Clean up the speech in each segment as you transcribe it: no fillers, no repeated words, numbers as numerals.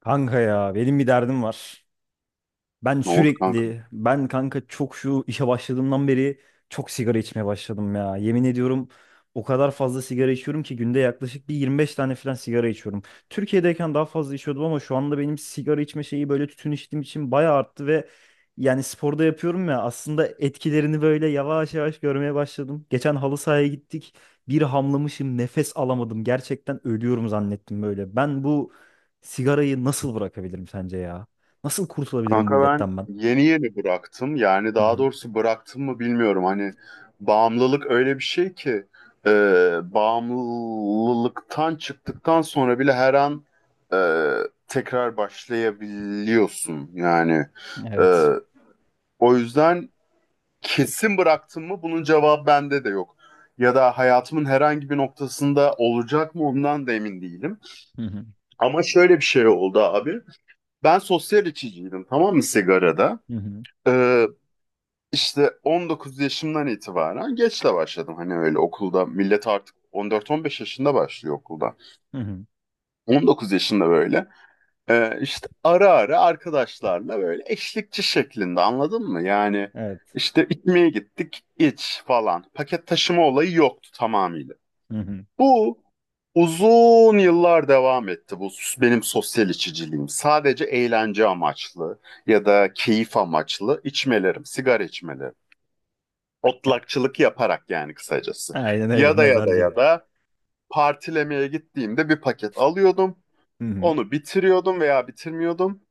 Kanka ya benim bir derdim var. Ben Ne oldu kanka? sürekli, ben kanka çok şu işe başladığımdan beri çok sigara içmeye başladım ya. Yemin ediyorum o kadar fazla sigara içiyorum ki günde yaklaşık bir 25 tane falan sigara içiyorum. Türkiye'deyken daha fazla içiyordum ama şu anda benim sigara içme şeyi böyle tütün içtiğim için bayağı arttı ve yani sporda yapıyorum ya aslında etkilerini böyle yavaş yavaş görmeye başladım. Geçen halı sahaya gittik. Bir hamlamışım, nefes alamadım. Gerçekten ölüyorum zannettim böyle. Ben bu sigarayı nasıl bırakabilirim sence? Nasıl kurtulabilirim bu Kanka ben illetten ben? yeni yeni bıraktım. Yani Hı daha hı. doğrusu bıraktım mı bilmiyorum. Hani bağımlılık öyle bir şey ki e, bağımlılıktan çıktıktan sonra bile her an e, tekrar başlayabiliyorsun. Yani e, Evet. o yüzden kesin bıraktım mı bunun cevabı bende de yok. Ya da hayatımın herhangi bir noktasında olacak mı ondan da emin değilim. Hı hı. Ama şöyle bir şey oldu abi. Ben sosyal içiciydim, tamam mı, sigarada? Hı hı. Ee, işte 19 yaşımdan itibaren geç de başladım. Hani öyle okulda millet artık 14-15 yaşında başlıyor okulda. Hı hı. 19 yaşında böyle işte ara ara arkadaşlarla böyle eşlikçi şeklinde, anladın mı? Yani Evet. işte içmeye gittik, iç falan. Paket taşıma olayı yoktu tamamıyla. Hı hı. Bu Uzun yıllar devam etti bu benim sosyal içiciliğim. Sadece eğlence amaçlı ya da keyif amaçlı içmelerim, sigara içmelerim. Otlakçılık yaparak yani kısacası. Aynen öyle Ya da ya da mezarcı. ya da partilemeye gittiğimde bir paket alıyordum. Hı hı. Onu bitiriyordum veya bitirmiyordum.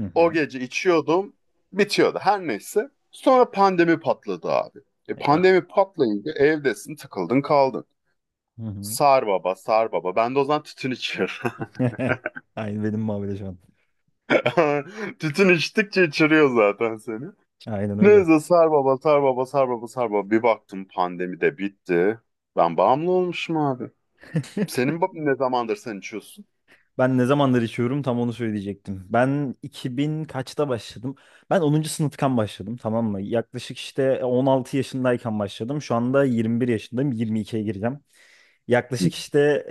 Hı O hı. gece içiyordum. Bitiyordu her neyse. Sonra pandemi patladı abi. E Eyvah. pandemi patlayınca evdesin, tıkıldın kaldın. Hı hı. Sar baba, sar baba. Ben de o zaman tütün içiyorum. Aynı benim muhabbeti şu an. Tütün içtikçe içiriyor zaten seni. Aynen öyle. Neyse sar baba, sar baba, sar baba, sar baba. Bir baktım pandemi de bitti. Ben bağımlı olmuşum abi. Senin ne zamandır sen içiyorsun? Ben ne zamandır içiyorum tam onu söyleyecektim. Ben 2000 kaçta başladım? Ben 10. sınıftan başladım tamam mı? Yaklaşık işte 16 yaşındayken başladım. Şu anda 21 yaşındayım. 22'ye gireceğim. Hı Yaklaşık işte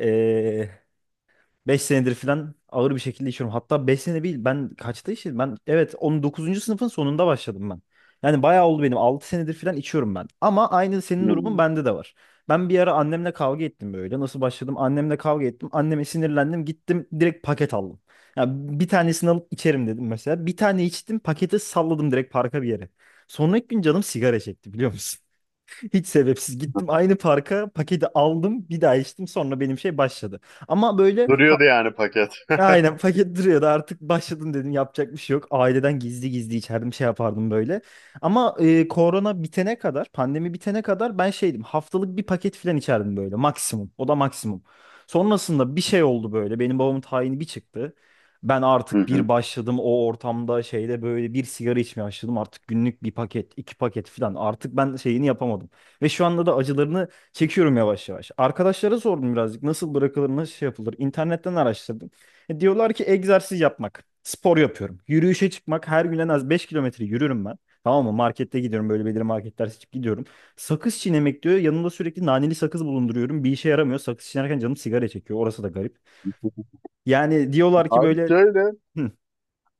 5 senedir falan ağır bir şekilde içiyorum. Hatta 5 sene değil. Ben kaçta içtim? Ben evet 19. sınıfın sonunda başladım ben. Yani bayağı oldu benim. 6 senedir falan içiyorum ben. Ama aynı senin durumun hı. bende de var. Ben bir ara annemle kavga ettim böyle. Nasıl başladım? Annemle kavga ettim. Anneme sinirlendim. Gittim direkt paket aldım. Yani bir tanesini alıp içerim dedim mesela. Bir tane içtim. Paketi salladım direkt parka bir yere. Sonraki gün canım sigara çekti biliyor musun? Hiç sebepsiz. Gittim aynı parka paketi aldım. Bir daha içtim. Sonra benim şey başladı. Ama böyle ha- Duruyordu yani paket. Aynen paket duruyordu artık başladım dedim yapacak bir şey yok. Aileden gizli gizli içerdim şey yapardım böyle. Ama korona bitene kadar pandemi bitene kadar ben şeydim haftalık bir paket filan içerdim böyle maksimum o da maksimum. Sonrasında bir şey oldu böyle benim babamın tayini bir çıktı. Ben Hı artık bir hı. başladım o ortamda şeyde böyle bir sigara içmeye başladım artık günlük bir paket iki paket filan artık ben şeyini yapamadım. Ve şu anda da acılarını çekiyorum yavaş yavaş. Arkadaşlara sordum birazcık nasıl bırakılır nasıl şey yapılır internetten araştırdım. Diyorlar ki egzersiz yapmak. Spor yapıyorum. Yürüyüşe çıkmak. Her gün en az 5 kilometre yürürüm ben. Tamam mı? Markette gidiyorum. Böyle belirli marketler seçip gidiyorum. Sakız çiğnemek diyor. Yanımda sürekli naneli sakız bulunduruyorum. Bir işe yaramıyor. Sakız çiğnerken canım sigara çekiyor. Orası da garip. Yani diyorlar ki Abi böyle şöyle. hı,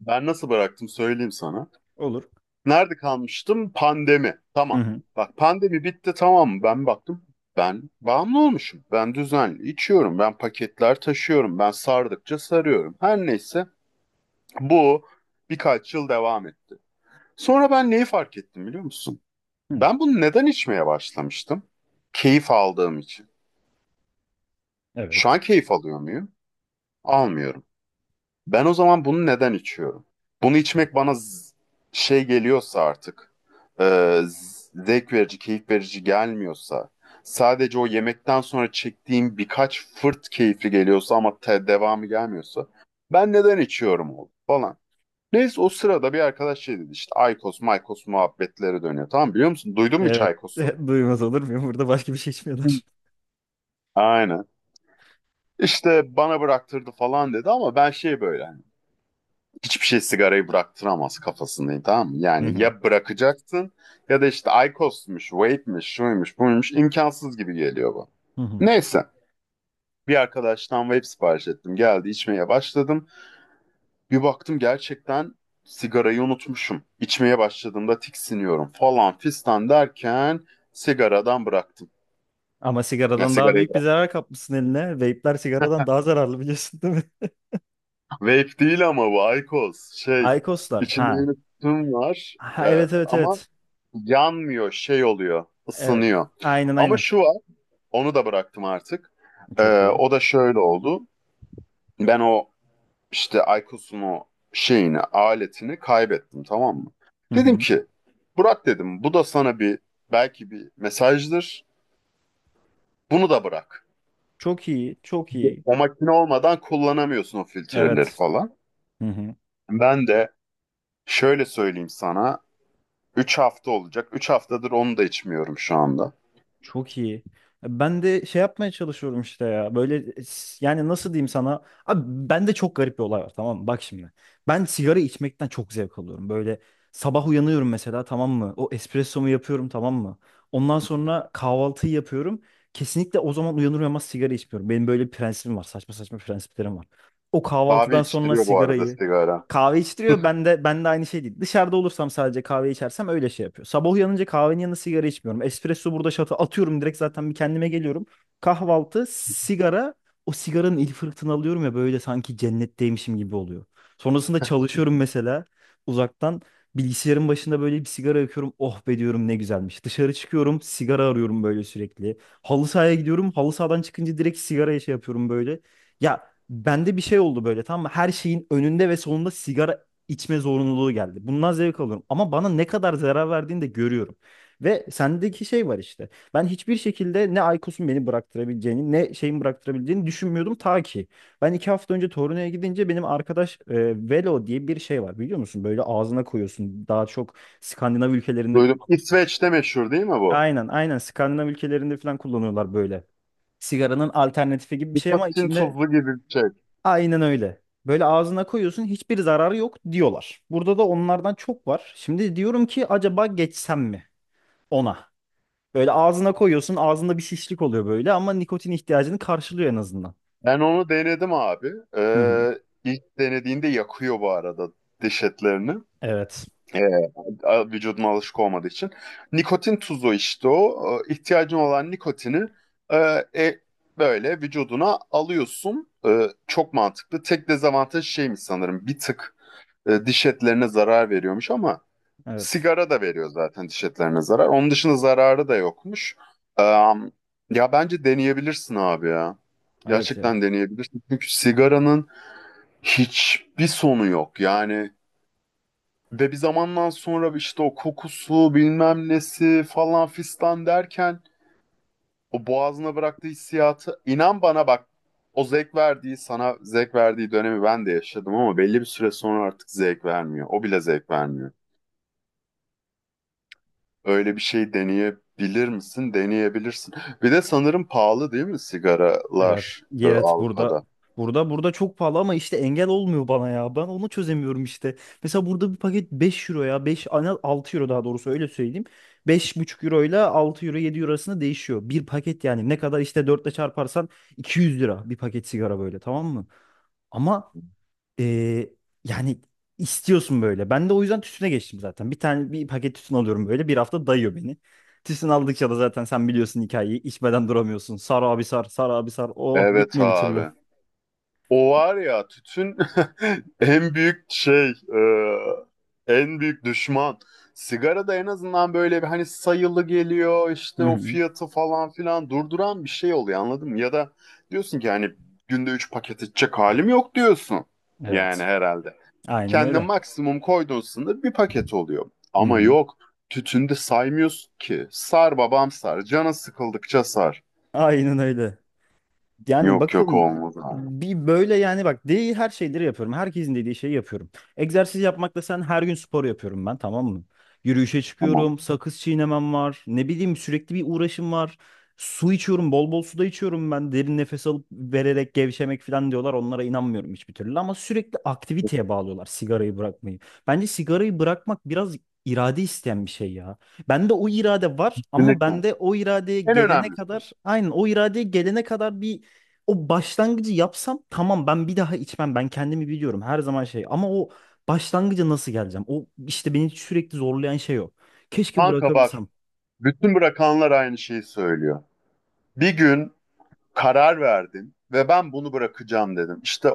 Ben nasıl bıraktım söyleyeyim sana. olur. Nerede kalmıştım? Pandemi. Hı Tamam. hı, Bak pandemi bitti, tamam mı? Ben baktım. Ben bağımlı olmuşum. Ben düzenli içiyorum. Ben paketler taşıyorum. Ben sardıkça sarıyorum. Her neyse bu birkaç yıl devam etti. Sonra ben neyi fark ettim, biliyor musun? hı. Ben bunu neden içmeye başlamıştım? Keyif aldığım için. Şu Evet. an keyif alıyor muyum? Almıyorum. Ben o zaman bunu neden içiyorum? Bunu içmek bana şey geliyorsa artık, zevk verici, keyif verici gelmiyorsa, sadece o yemekten sonra çektiğim birkaç fırt keyifli geliyorsa ama devamı gelmiyorsa, ben neden içiyorum oğlum falan. Neyse o sırada bir arkadaş şey dedi, işte Aykos, Maykos muhabbetleri dönüyor. Tamam, biliyor musun? Duydun mu hiç Evet. Aykos'u? Duymaz olur muyum? Burada başka bir şey Hı. içmiyorlar. Aynen. İşte bana bıraktırdı falan dedi ama ben şey böyle hani, hiçbir şey sigarayı bıraktıramaz kafasındayım, tamam mı? Hı Yani hı. ya bırakacaksın ya da işte IQOS'muş, vape'miş, şuymuş, buymuş, imkansız gibi geliyor bu. Hı hı. Neyse bir arkadaştan vape sipariş ettim. Geldi, içmeye başladım. Bir baktım gerçekten sigarayı unutmuşum. İçmeye başladığımda tiksiniyorum falan fistan derken sigaradan bıraktım. Ama Ya sigaradan daha sigarayı büyük bir bıraktım. zarar kapmışsın eline. Vape'ler sigaradan daha zararlı biliyorsun değil mi? Vape değil ama bu IQOS şey Aykoslar. içinde Ha. yine tütün var. Ha, evet evet Ama evet. yanmıyor, şey oluyor, Evet. ısınıyor. Aynen Ama aynen. şu var, onu da bıraktım artık. Çok iyi. O da şöyle oldu. Ben o işte Aykos'un o şeyini, aletini kaybettim, tamam mı? Hı Dedim hı. ki, Burak dedim, bu da sana bir belki bir mesajdır. Bunu da bırak. Çok iyi. Çok iyi. O makine olmadan kullanamıyorsun o filtreleri Evet. falan. Hı hı. Ben de şöyle söyleyeyim sana. Üç hafta olacak. 3 haftadır onu da içmiyorum şu anda. Çok iyi. Ben de şey yapmaya çalışıyorum işte ya. Böyle yani nasıl diyeyim sana? Abi bende çok garip bir olay var tamam mı? Bak şimdi. Ben sigara içmekten çok zevk alıyorum. Böyle sabah uyanıyorum mesela tamam mı? O espressomu yapıyorum tamam mı? Ondan sonra kahvaltıyı yapıyorum. Kesinlikle o zaman uyanır uyanmaz sigara içmiyorum. Benim böyle bir prensibim var. Saçma saçma prensiplerim var. O Abi kahvaltıdan sonra içtiriyor bu arada sigarayı sigara. kahve içtiriyor. Ben de aynı şey değil. Dışarıda olursam sadece kahve içersem öyle şey yapıyor. Sabah uyanınca kahvenin yanında sigara içmiyorum. Espresso burada şatı atıyorum direkt zaten bir kendime geliyorum. Kahvaltı, sigara. O sigaranın ilk fırtını alıyorum ya böyle sanki cennetteymişim gibi oluyor. Sonrasında çalışıyorum mesela uzaktan. Bilgisayarın başında böyle bir sigara yakıyorum. Oh be diyorum ne güzelmiş. Dışarı çıkıyorum sigara arıyorum böyle sürekli. Halı sahaya gidiyorum. Halı sahadan çıkınca direkt sigaraya şey yapıyorum böyle. Ya, bende bir şey oldu böyle tamam mı? Her şeyin önünde ve sonunda sigara içme zorunluluğu geldi. Bundan zevk alıyorum. Ama bana ne kadar zarar verdiğini de görüyorum. Ve sendeki şey var işte. Ben hiçbir şekilde ne Aykos'un beni bıraktırabileceğini ne şeyin bıraktırabileceğini düşünmüyordum ta ki. Ben 2 hafta önce Torino'ya gidince benim arkadaş Velo diye bir şey var biliyor musun? Böyle ağzına koyuyorsun. Daha çok Skandinav ülkelerinde Duydum. kullanılmış. İsveç'te meşhur değil mi bu? Aynen aynen Skandinav ülkelerinde falan kullanıyorlar böyle. Sigaranın alternatifi gibi bir şey ama Nikotin içinde tuzlu gibi bir şey. aynen öyle. Böyle ağzına koyuyorsun hiçbir zararı yok diyorlar. Burada da onlardan çok var. Şimdi diyorum ki acaba geçsem mi ona? Böyle ağzına koyuyorsun ağzında bir şişlik oluyor böyle ama nikotin ihtiyacını karşılıyor en azından. Ben onu denedim abi. Hı hı. İlk denediğinde yakıyor bu arada diş etlerini. Evet. Ee, Vücuduma alışık olmadığı için. Nikotin tuzu işte o. İhtiyacın olan nikotini e, e, böyle vücuduna alıyorsun. Çok mantıklı. Tek dezavantaj şeymiş sanırım. Bir tık diş etlerine zarar veriyormuş ama Evet. sigara da veriyor zaten diş etlerine zarar. Onun dışında zararı da yokmuş. Am, Ya bence deneyebilirsin abi ya. Evet ya. Gerçekten deneyebilirsin. Çünkü sigaranın hiçbir sonu yok. Yani ve bir zamandan sonra işte o kokusu bilmem nesi falan fistan derken o boğazına bıraktığı hissiyatı, inan bana bak, o zevk verdiği sana zevk verdiği dönemi ben de yaşadım ama belli bir süre sonra artık zevk vermiyor. O bile zevk vermiyor. Öyle bir şey deneyebilir misin? Deneyebilirsin. Bir de sanırım pahalı değil mi Evet, sigaralar evet, burada Avrupa'da? burada çok pahalı ama işte engel olmuyor bana ya. Ben onu çözemiyorum işte. Mesela burada bir paket 5 euro ya. Beş ana 6 euro daha doğrusu öyle söyleyeyim. 5,5 euro ile 6 euro 7 euro arasında değişiyor. Bir paket yani ne kadar işte 4 ile çarparsan 200 lira bir paket sigara böyle tamam mı? Ama ee, yani istiyorsun böyle. Ben de o yüzden tütüne geçtim zaten. Bir tane bir paket tütün alıyorum böyle. Bir hafta dayıyor beni. Tütün aldıkça da zaten sen biliyorsun hikayeyi. İçmeden duramıyorsun. Sar abi sar, sar abi sar. Oh Evet bitmiyor bir türlü. abi. O var ya tütün en büyük şey, e, en büyük düşman. Sigara da en azından böyle bir hani sayılı geliyor, Hı işte o hı. fiyatı falan filan durduran bir şey oluyor, anladın mı? Ya da diyorsun ki hani günde 3 paket içecek halim yok diyorsun. Yani Evet. herhalde. Aynen Kendine öyle. maksimum koyduğun sınır bir paket oluyor. Hı Ama hı. yok, tütünde saymıyorsun ki. Sar babam sar. Canın sıkıldıkça sar. Aynen öyle. Yani Yok yok, bakalım olmaz abi. bir böyle yani bak değil her şeyleri yapıyorum. Herkesin dediği şeyi yapıyorum. Egzersiz yapmakla sen her gün spor yapıyorum ben tamam mı? Yürüyüşe Tamam. çıkıyorum, sakız çiğnemem var. Ne bileyim sürekli bir uğraşım var. Su içiyorum, bol bol su da içiyorum ben. Derin nefes alıp vererek gevşemek falan diyorlar. Onlara inanmıyorum hiçbir türlü ama sürekli aktiviteye bağlıyorlar sigarayı bırakmayı. Bence sigarayı bırakmak biraz irade isteyen bir şey ya. Bende o irade var ama Kesinlikle. bende o iradeye En gelene önemlisi. kadar aynen o iradeye gelene kadar bir o başlangıcı yapsam tamam ben bir daha içmem. Ben kendimi biliyorum her zaman şey. Ama o başlangıca nasıl geleceğim? O işte beni sürekli zorlayan şey o. Keşke Kanka bak, bırakabilsem. bütün bırakanlar aynı şeyi söylüyor. Bir gün karar verdin ve ben bunu bırakacağım dedim. İşte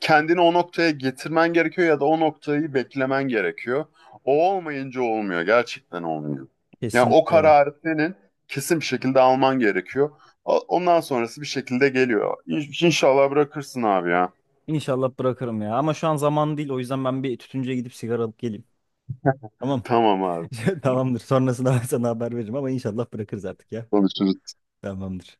kendini o noktaya getirmen gerekiyor ya da o noktayı beklemen gerekiyor. O olmayınca olmuyor. Gerçekten olmuyor. Yani o Kesinlikle. kararı senin kesin bir şekilde alman gerekiyor. Ondan sonrası bir şekilde geliyor. İnşallah bırakırsın abi ya. İnşallah bırakırım ya. Ama şu an zaman değil. O yüzden ben bir tütüncüye gidip sigara alıp geleyim. Tamam. Tamam abi. Tamamdır. Sonrasında ben sana haber veririm ama inşallah bırakırız artık ya. Konuşuruz. Tamamdır.